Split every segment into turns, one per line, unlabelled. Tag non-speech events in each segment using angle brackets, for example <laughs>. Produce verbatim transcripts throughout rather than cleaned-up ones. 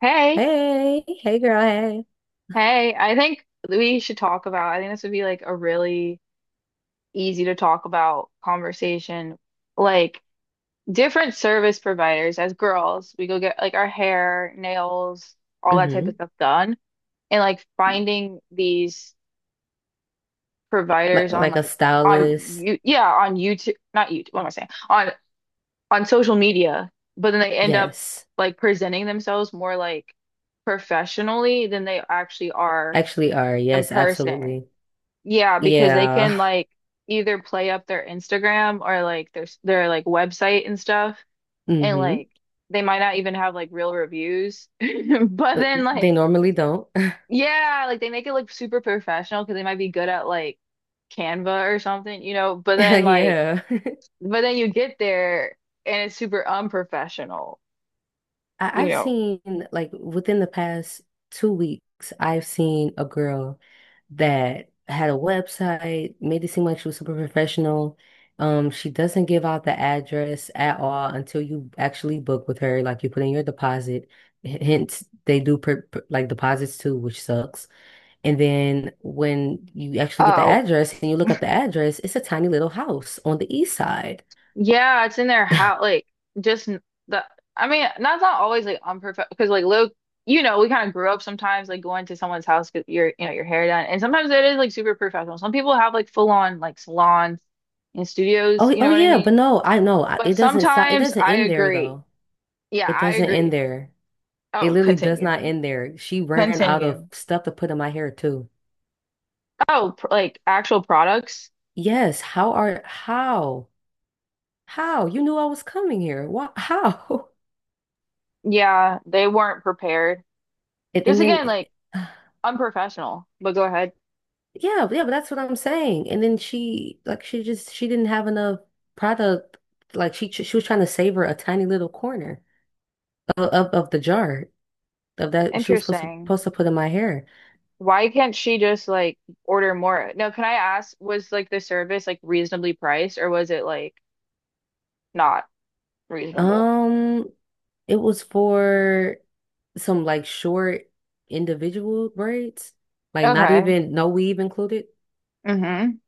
Hey,
Hey, hey girl, hey.
hey, I think we should talk about, I think this would be like a really easy to talk about conversation. Like different service providers. As girls, we go get like our hair, nails, all that type of
Hmm.
stuff done. And like finding these
Oh,
providers on
like a
like on
stylist.
you yeah, on YouTube, not YouTube, what am I saying? On on social media, but then they end up
Yes.
like presenting themselves more like professionally than they actually are
Actually are.
in
Yes,
person.
absolutely.
Yeah, because they
Yeah.
can
<laughs>
like either play up their Instagram or like their their like website and stuff, and
Mm.
like they might not even have like real reviews. <laughs> But
hmm
then
They
like
normally don't. <laughs>
yeah, like they make it look super professional because they might be good at like Canva or something, you know. But then like
Yeah. <laughs>
but then you get there and it's super unprofessional,
I
you
I've
know.
seen like within the past two weeks, I've seen a girl that had a website, made it seem like she was super professional. Um, she doesn't give out the address at all until you actually book with her, like you put in your deposit. H- Hence, they do per, per- like deposits too, which sucks. And then when you actually get the
Oh,
address and you look up the address, it's a tiny little house on the east side.
yeah, it's in their house. Like just n- the. I mean, that's not always like unperfect because like Luke, you know, we kind of grew up sometimes like going to someone's house because your you know your hair done, and sometimes it is like super professional. Some people have like full on like salons and studios.
Oh,
You
oh
know what I
yeah, but
mean?
no, I know I-
But
it doesn't stop. It
sometimes
doesn't
I
end there
agree.
though.
Yeah,
It
I
doesn't end
agree.
there. It
Oh,
literally does
continue.
not end there. She ran out of
Continue.
stuff to put in my hair too.
Oh, pr like actual products.
Yes, how are how? How? You knew I was coming here. Why? How? <laughs>
Yeah, they weren't prepared.
And,
Just
and then
again, like unprofessional. But go ahead.
yeah, yeah, but that's what I'm saying. And then she like she just she didn't have enough product. Like she she was trying to savor a tiny little corner of of, of the jar of that she was supposed to
Interesting.
supposed to put in my hair.
Why can't she just like order more? No, can I ask, was like the service like reasonably priced or was it like not reasonable?
Um, it was for some like short individual braids, like not
Okay.
even no weave included.
Mm-hmm.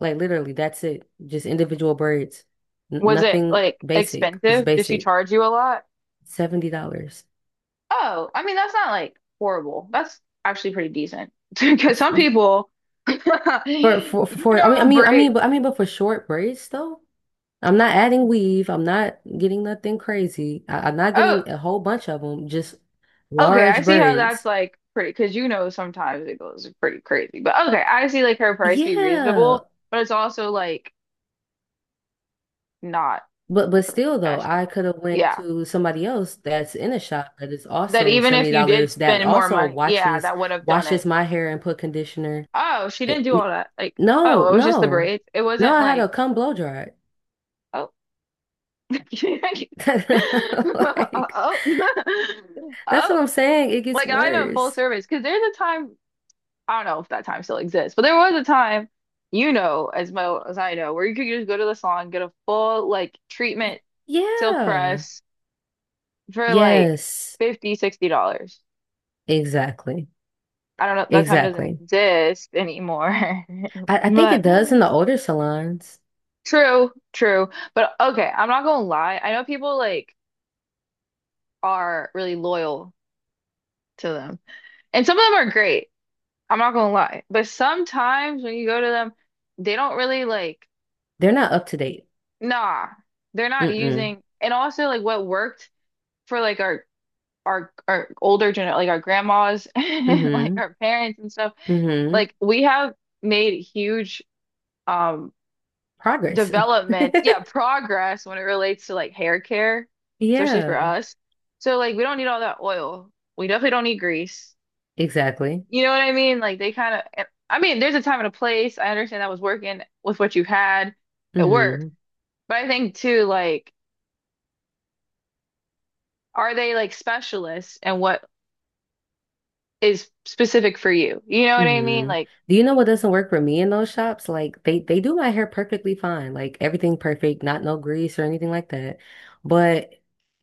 Like literally, that's it. Just individual braids, N
Was it
nothing
like
basic. It's
expensive? Did she
basic.
charge you a lot?
seventy dollars.
Oh, I mean, that's not like horrible. That's actually pretty decent. <laughs> Because some people, <laughs>
For, for
you
for I mean I
know,
mean I
break.
mean but I mean but for short braids though. I'm not adding weave. I'm not getting nothing crazy. I, I'm not
Oh,
getting a whole bunch of them, just
okay. I
large
see how that's
braids.
like pretty, because you know, sometimes it goes pretty crazy. But okay, I see like her price be reasonable,
Yeah.
but it's also like not
But but still though, I
professional.
could have went
Yeah.
to somebody else that's in a shop that is
That
also
even if you did
seventy dollars, that
spend more
also
money, yeah,
watches
that would have done
washes
it.
my hair and put conditioner.
Oh, she didn't
It-
do all
n-
that. Like,
no,
oh, it was just the
no,
braids. It
no.
wasn't
I had
like,
a cum blow dry.
oh, <laughs>
<laughs> Like
oh, <laughs>
that's
oh,
what I'm saying. It gets
like not even full
worse.
service. Because there's a time, I don't know if that time still exists, but there was a time, you know, as well as I know, where you could just go to the salon, get a full like
Y-
treatment, silk
Yeah.
press for like
Yes.
fifty, sixty dollars.
Exactly.
I don't know, that time doesn't
Exactly.
exist anymore.
I,
<laughs>
I think
But
it does in the older salons.
true, true. But okay, I'm not gonna lie. I know people like are really loyal to them. And some of them are great. I'm not gonna lie. But sometimes when you go to them, they don't really like,
They're not up to date.
nah, they're not
Mm-mm.
using and also like what worked for like our our our older gener like our grandmas <laughs> and like
Mm-hmm.
our parents and stuff,
Mm-hmm.
like we have made huge um
Progress.
developments, yeah, progress when it relates to like hair care,
<laughs>
especially for
Yeah.
us. So like we don't need all that oil. We definitely don't need grease.
Exactly.
You know what I mean? Like they kind of, I mean, there's a time and a place. I understand that was working with what you had. It worked.
Mm-hmm.
But I think too, like, are they like specialists and what is specific for you? You know what I mean?
Hmm.
Like,
Do you know what doesn't work for me in those shops? Like they they do my hair perfectly fine, like everything perfect, not no grease or anything like that. But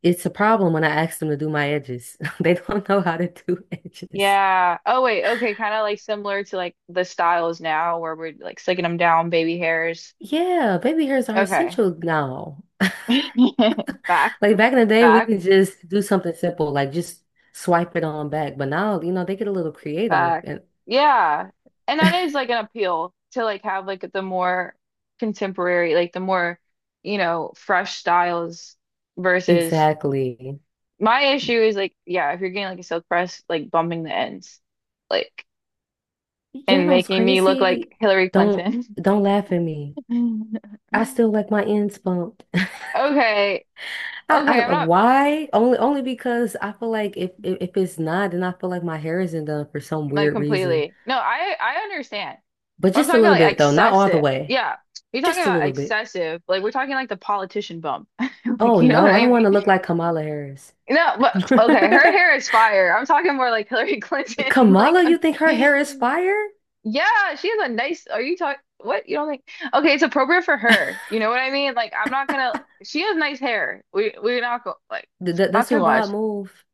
it's a problem when I ask them to do my edges. <laughs> They don't know how to do <laughs> edges.
yeah. Oh wait, okay, kind of like similar to like the styles now where we're like slicking them down, baby hairs.
Yeah, baby hairs are
Okay.
essential now. <laughs>
<laughs> Facts,
Like back in the day, we
facts,
could just do something simple, like just swipe it on back. But now, you know, they get a little creative
facts.
and
Yeah. And that is like an appeal to like have like the more contemporary, like the more, you know, fresh styles versus
exactly.
my issue is like, yeah, if you're getting like a silk press, like bumping the ends, like
You
and
know what's
making me look like
crazy?
Hillary
Don't,
Clinton.
don't laugh at me.
<laughs>
I still like my ends bumped.
Okay.
I, I
Okay, I'm
don't-
not
why? Only only because I feel like if, if if it's not, then I feel like my hair isn't done for some
like
weird reason.
completely. No, I I understand.
But
But I'm
just a
talking
little
about like
bit though, not all the
excessive.
way.
Yeah. You're talking
Just a
about
little bit.
excessive. Like we're talking like the politician bump. <laughs> Like
Oh
you know what
no, I
I
don't want
mean?
to look like Kamala Harris.
No,
<laughs>
but okay, her hair is fire. I'm talking more like Hillary Clinton. <laughs> Like
Kamala,
I'm,
you think her hair is fire?
yeah, she has a nice are you talking what? You don't think okay, it's appropriate for
<laughs> Th-
her. You know what I mean? Like I'm not gonna she has nice hair. We we're not go like
th-
not
Does
too
her
much.
bob move?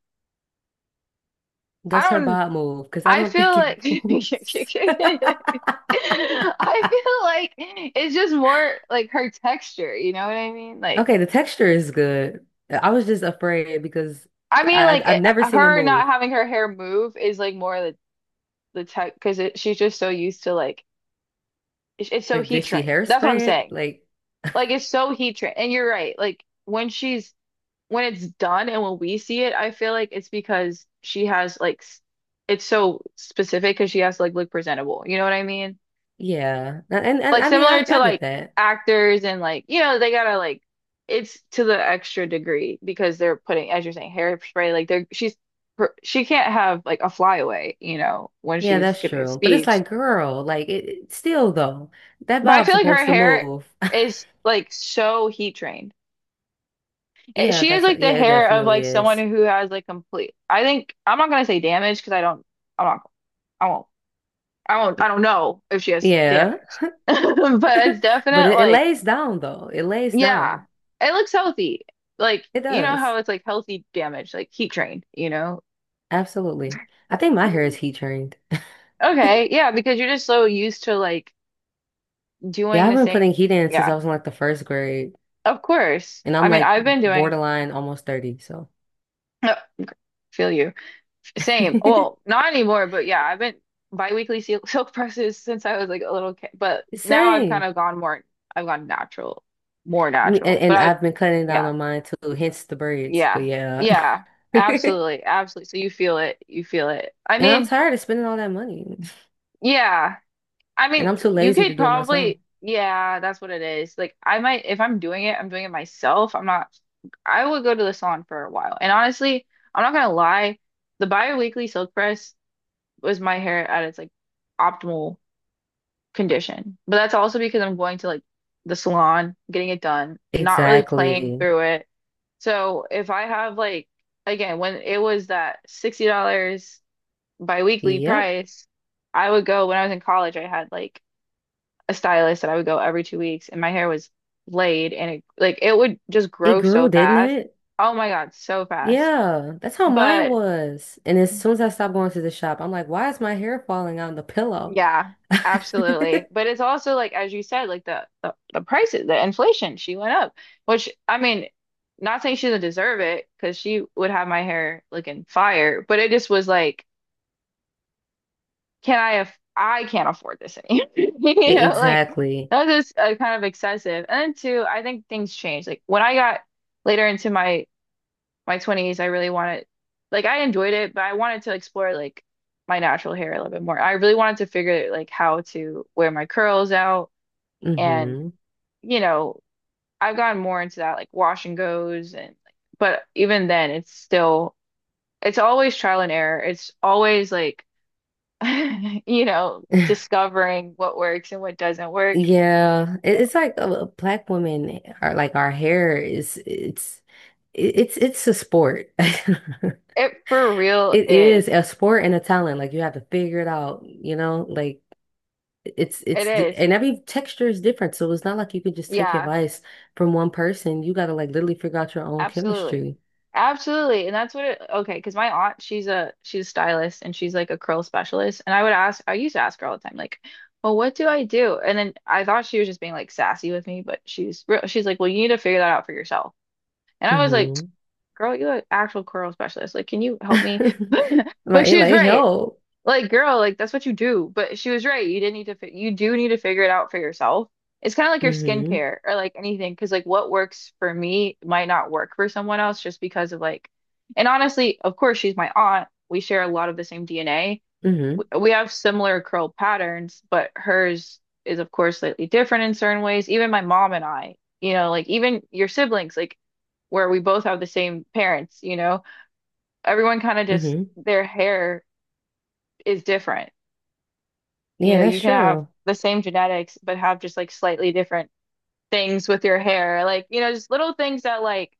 Does
I
her
don't
bob move? Because I
I
don't think it <laughs>
feel like
moves.
<laughs> <laughs> I feel like it's just more like her texture, you know what I mean? Like,
Okay, the texture is good. I was just afraid because
I mean,
I
like
I- I've
it,
never seen it
her
move.
not having her hair move is like more the the tech because she's just so used to like it's, it's so
Like, did
heat
she
trained. That's what I'm
hairspray it?
saying.
Like,
Like, it's so heat trained, and you're right. Like when she's when it's done and when we see it, I feel like it's because she has like s- it's so specific because she has to like look presentable. You know what I mean?
yeah. And, and
Like
I mean,
similar
I,
to
I get
like
that.
actors and like you know they gotta like it's to the extra degree because they're putting as you're saying hairspray like they're she's her- she can't have like a flyaway you know when
Yeah,
she's
that's
giving a
true. But it's
speech
like, girl, like it, it- still though, that
but I
bob's
feel like
supposed
her
to
hair
move. <laughs>
is like so heat trained. It-
Yeah,
she is
that's
like the
yeah, it
hair of
definitely
like someone
is.
who has like complete I think I'm not gonna say damage because I don't I'm not I won't I won't I don't know if she has
Yeah.
damage
<laughs>
<laughs> but it's
But
definite
it, it
like
lays down though. It lays down.
yeah, it looks healthy. Like,
It
you know how
does.
it's like healthy damage, like heat trained, you know?
Absolutely. I think my hair is heat trained.
Okay, yeah, because you're just so used to like
Yeah,
doing
I've
the
been putting
same.
heat in since I
Yeah,
was in like the first grade,
of course.
and I'm
I mean,
like
I've been doing,
borderline almost thirty, so.
<laughs> feel you. Same. Well,
<laughs>
not anymore, but yeah, I've been biweekly silk, <laughs> silk presses since I was like a little kid. But now I've kind
Same.
of gone more, I've gone natural, more
Me- And,
natural. But
and
I've,
I've been cutting down
yeah,
on mine too, hence the braids. But
yeah,
yeah.
yeah,
<laughs>
absolutely, absolutely. So you feel it, you feel it. I
And I'm
mean,
tired of spending all that money. <laughs>
yeah. I
And
mean,
I'm too
you
lazy to
could
do it myself.
probably, yeah, that's what it is. Like, I might, if I'm doing it, I'm doing it myself. I'm not, I would go to the salon for a while. And honestly, I'm not gonna lie, the bi-weekly silk press was my hair at its like optimal condition. But that's also because I'm going to like the salon, getting it done, not really playing
Exactly.
through it. So if I have like, again, when it was that sixty dollar bi-weekly
Yep.
price, I would go when I was in college, I had like a stylist that I would go every two weeks, and my hair was laid, and it like it would just
It
grow so
grew, didn't
fast.
it?
Oh my God, so fast.
Yeah. That's how mine
But
was. And as soon as I stopped going to the shop, I'm like, why is my hair falling on the pillow? <laughs>
yeah, absolutely. But it's also like as you said, like the the, the prices, the inflation, she went up, which I mean, not saying she doesn't deserve it because she would have my hair looking fire, but it just was like, can I aff I can't afford this anymore. <laughs>
E-
You know, like
Exactly.
that was just uh, kind of excessive. And then two, I think things changed. Like when I got later into my my twenties, I really wanted, like, I enjoyed it, but I wanted to explore, like, my natural hair a little bit more. I really wanted to figure, like, how to wear my curls out. And,
Hmm.
you know, I've gotten more into that, like, wash and goes. And, but even then, it's still, it's always trial and error. It's always, like, <laughs> you know,
<laughs>
discovering what works and what doesn't work.
Yeah.
So
It- It's like uh, black women are like our hair is it's it- it's it's a sport. <laughs>
it for real
It is
is,
a sport and a talent. Like you have to figure it out, you know? Like it's
it
it's di-
is.
and every texture is different, so it's not like you can just take
Yeah.
advice from one person. You gotta like literally figure out your own
Absolutely.
chemistry.
Absolutely. And that's what it, okay, because my aunt, she's a she's a stylist and she's like a curl specialist. And I would ask, I used to ask her all the time, like, well, what do I do? And then I thought she was just being like sassy with me, but she's real, she's like, well, you need to figure that out for yourself. And I was like,
Hmm.
girl, you're an actual curl specialist. Like, can you help me? <laughs>
<laughs>
But
Right,
she was
like
right.
help.
Like, girl, like that's what you do. But she was right. You didn't need to fi you do need to figure it out for yourself. It's kind of like your
Hmm.
skincare or like anything, because like what works for me might not work for someone else just because of like, and honestly, of course, she's my aunt. We share a lot of the same D N A.
Hmm.
We have similar curl patterns, but hers is of course slightly different in certain ways. Even my mom and I, you know, like even your siblings, like where we both have the same parents, you know, everyone kind of just
Hmm.
their hair is different. You
Yeah,
know,
that's
you can have
true.
the same genetics, but have just like slightly different things with your hair. Like, you know, just little things that like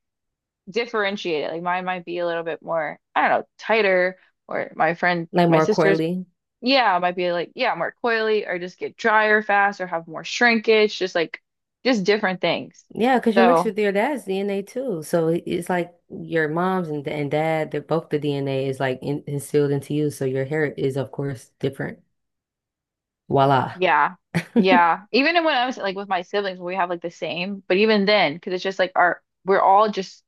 differentiate it. Like mine might be a little bit more, I don't know, tighter, or my friend,
Like
my
more
sister's,
coily.
yeah, might be like, yeah, more coily, or just get drier fast, or have more shrinkage, just like, just different things.
Yeah, because you're mixed
So,
with your dad's D N A too. So it- it's like your mom's and, and dad, they're both the D N A is like in, instilled into you. So your hair is, of course, different. Voila.
yeah.
<laughs>
Yeah, even when I was like with my siblings, we have like the same, but even then, because it's just like our we're all just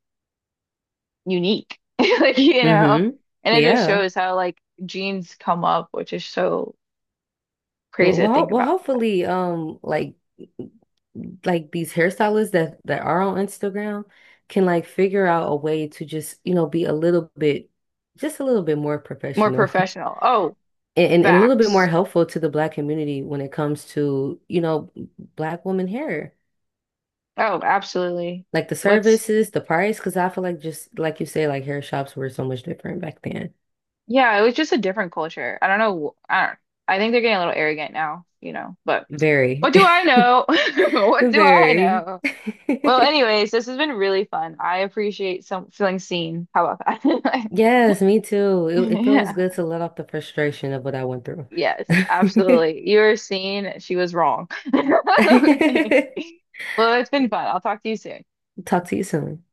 unique. <laughs> Like, you know,
Hmm.
and it just
Yeah.
shows how like genes come up, which is so crazy to
Well,
think
well,
about.
hopefully, um, like like these hairstylists that that are on Instagram can like figure out a way to just, you know, be a little bit, just a little bit more
More
professional, <laughs>
professional. Oh,
and, and, and a little bit more
facts.
helpful to the black community when it comes to, you know, black woman hair.
Oh, absolutely.
Like the
What's
services, the price, because I feel like just like you say, like hair shops were so much different back then.
yeah, it was just a different culture. I don't know. I don't, I think they're getting a little arrogant now, you know, but
Very,
what do I know? <laughs>
<laughs>
What do I
very.
know? Well,
<laughs>
anyways, this has been really fun. I appreciate some feeling seen. How about that?
Yes, me too.
<laughs>
It, it feels
Yeah.
good to let off the frustration of what I went through.
Yes, absolutely. You were seen. She was wrong. <laughs> Well, it's been fun. I'll talk to you soon.
<laughs> Talk to you soon.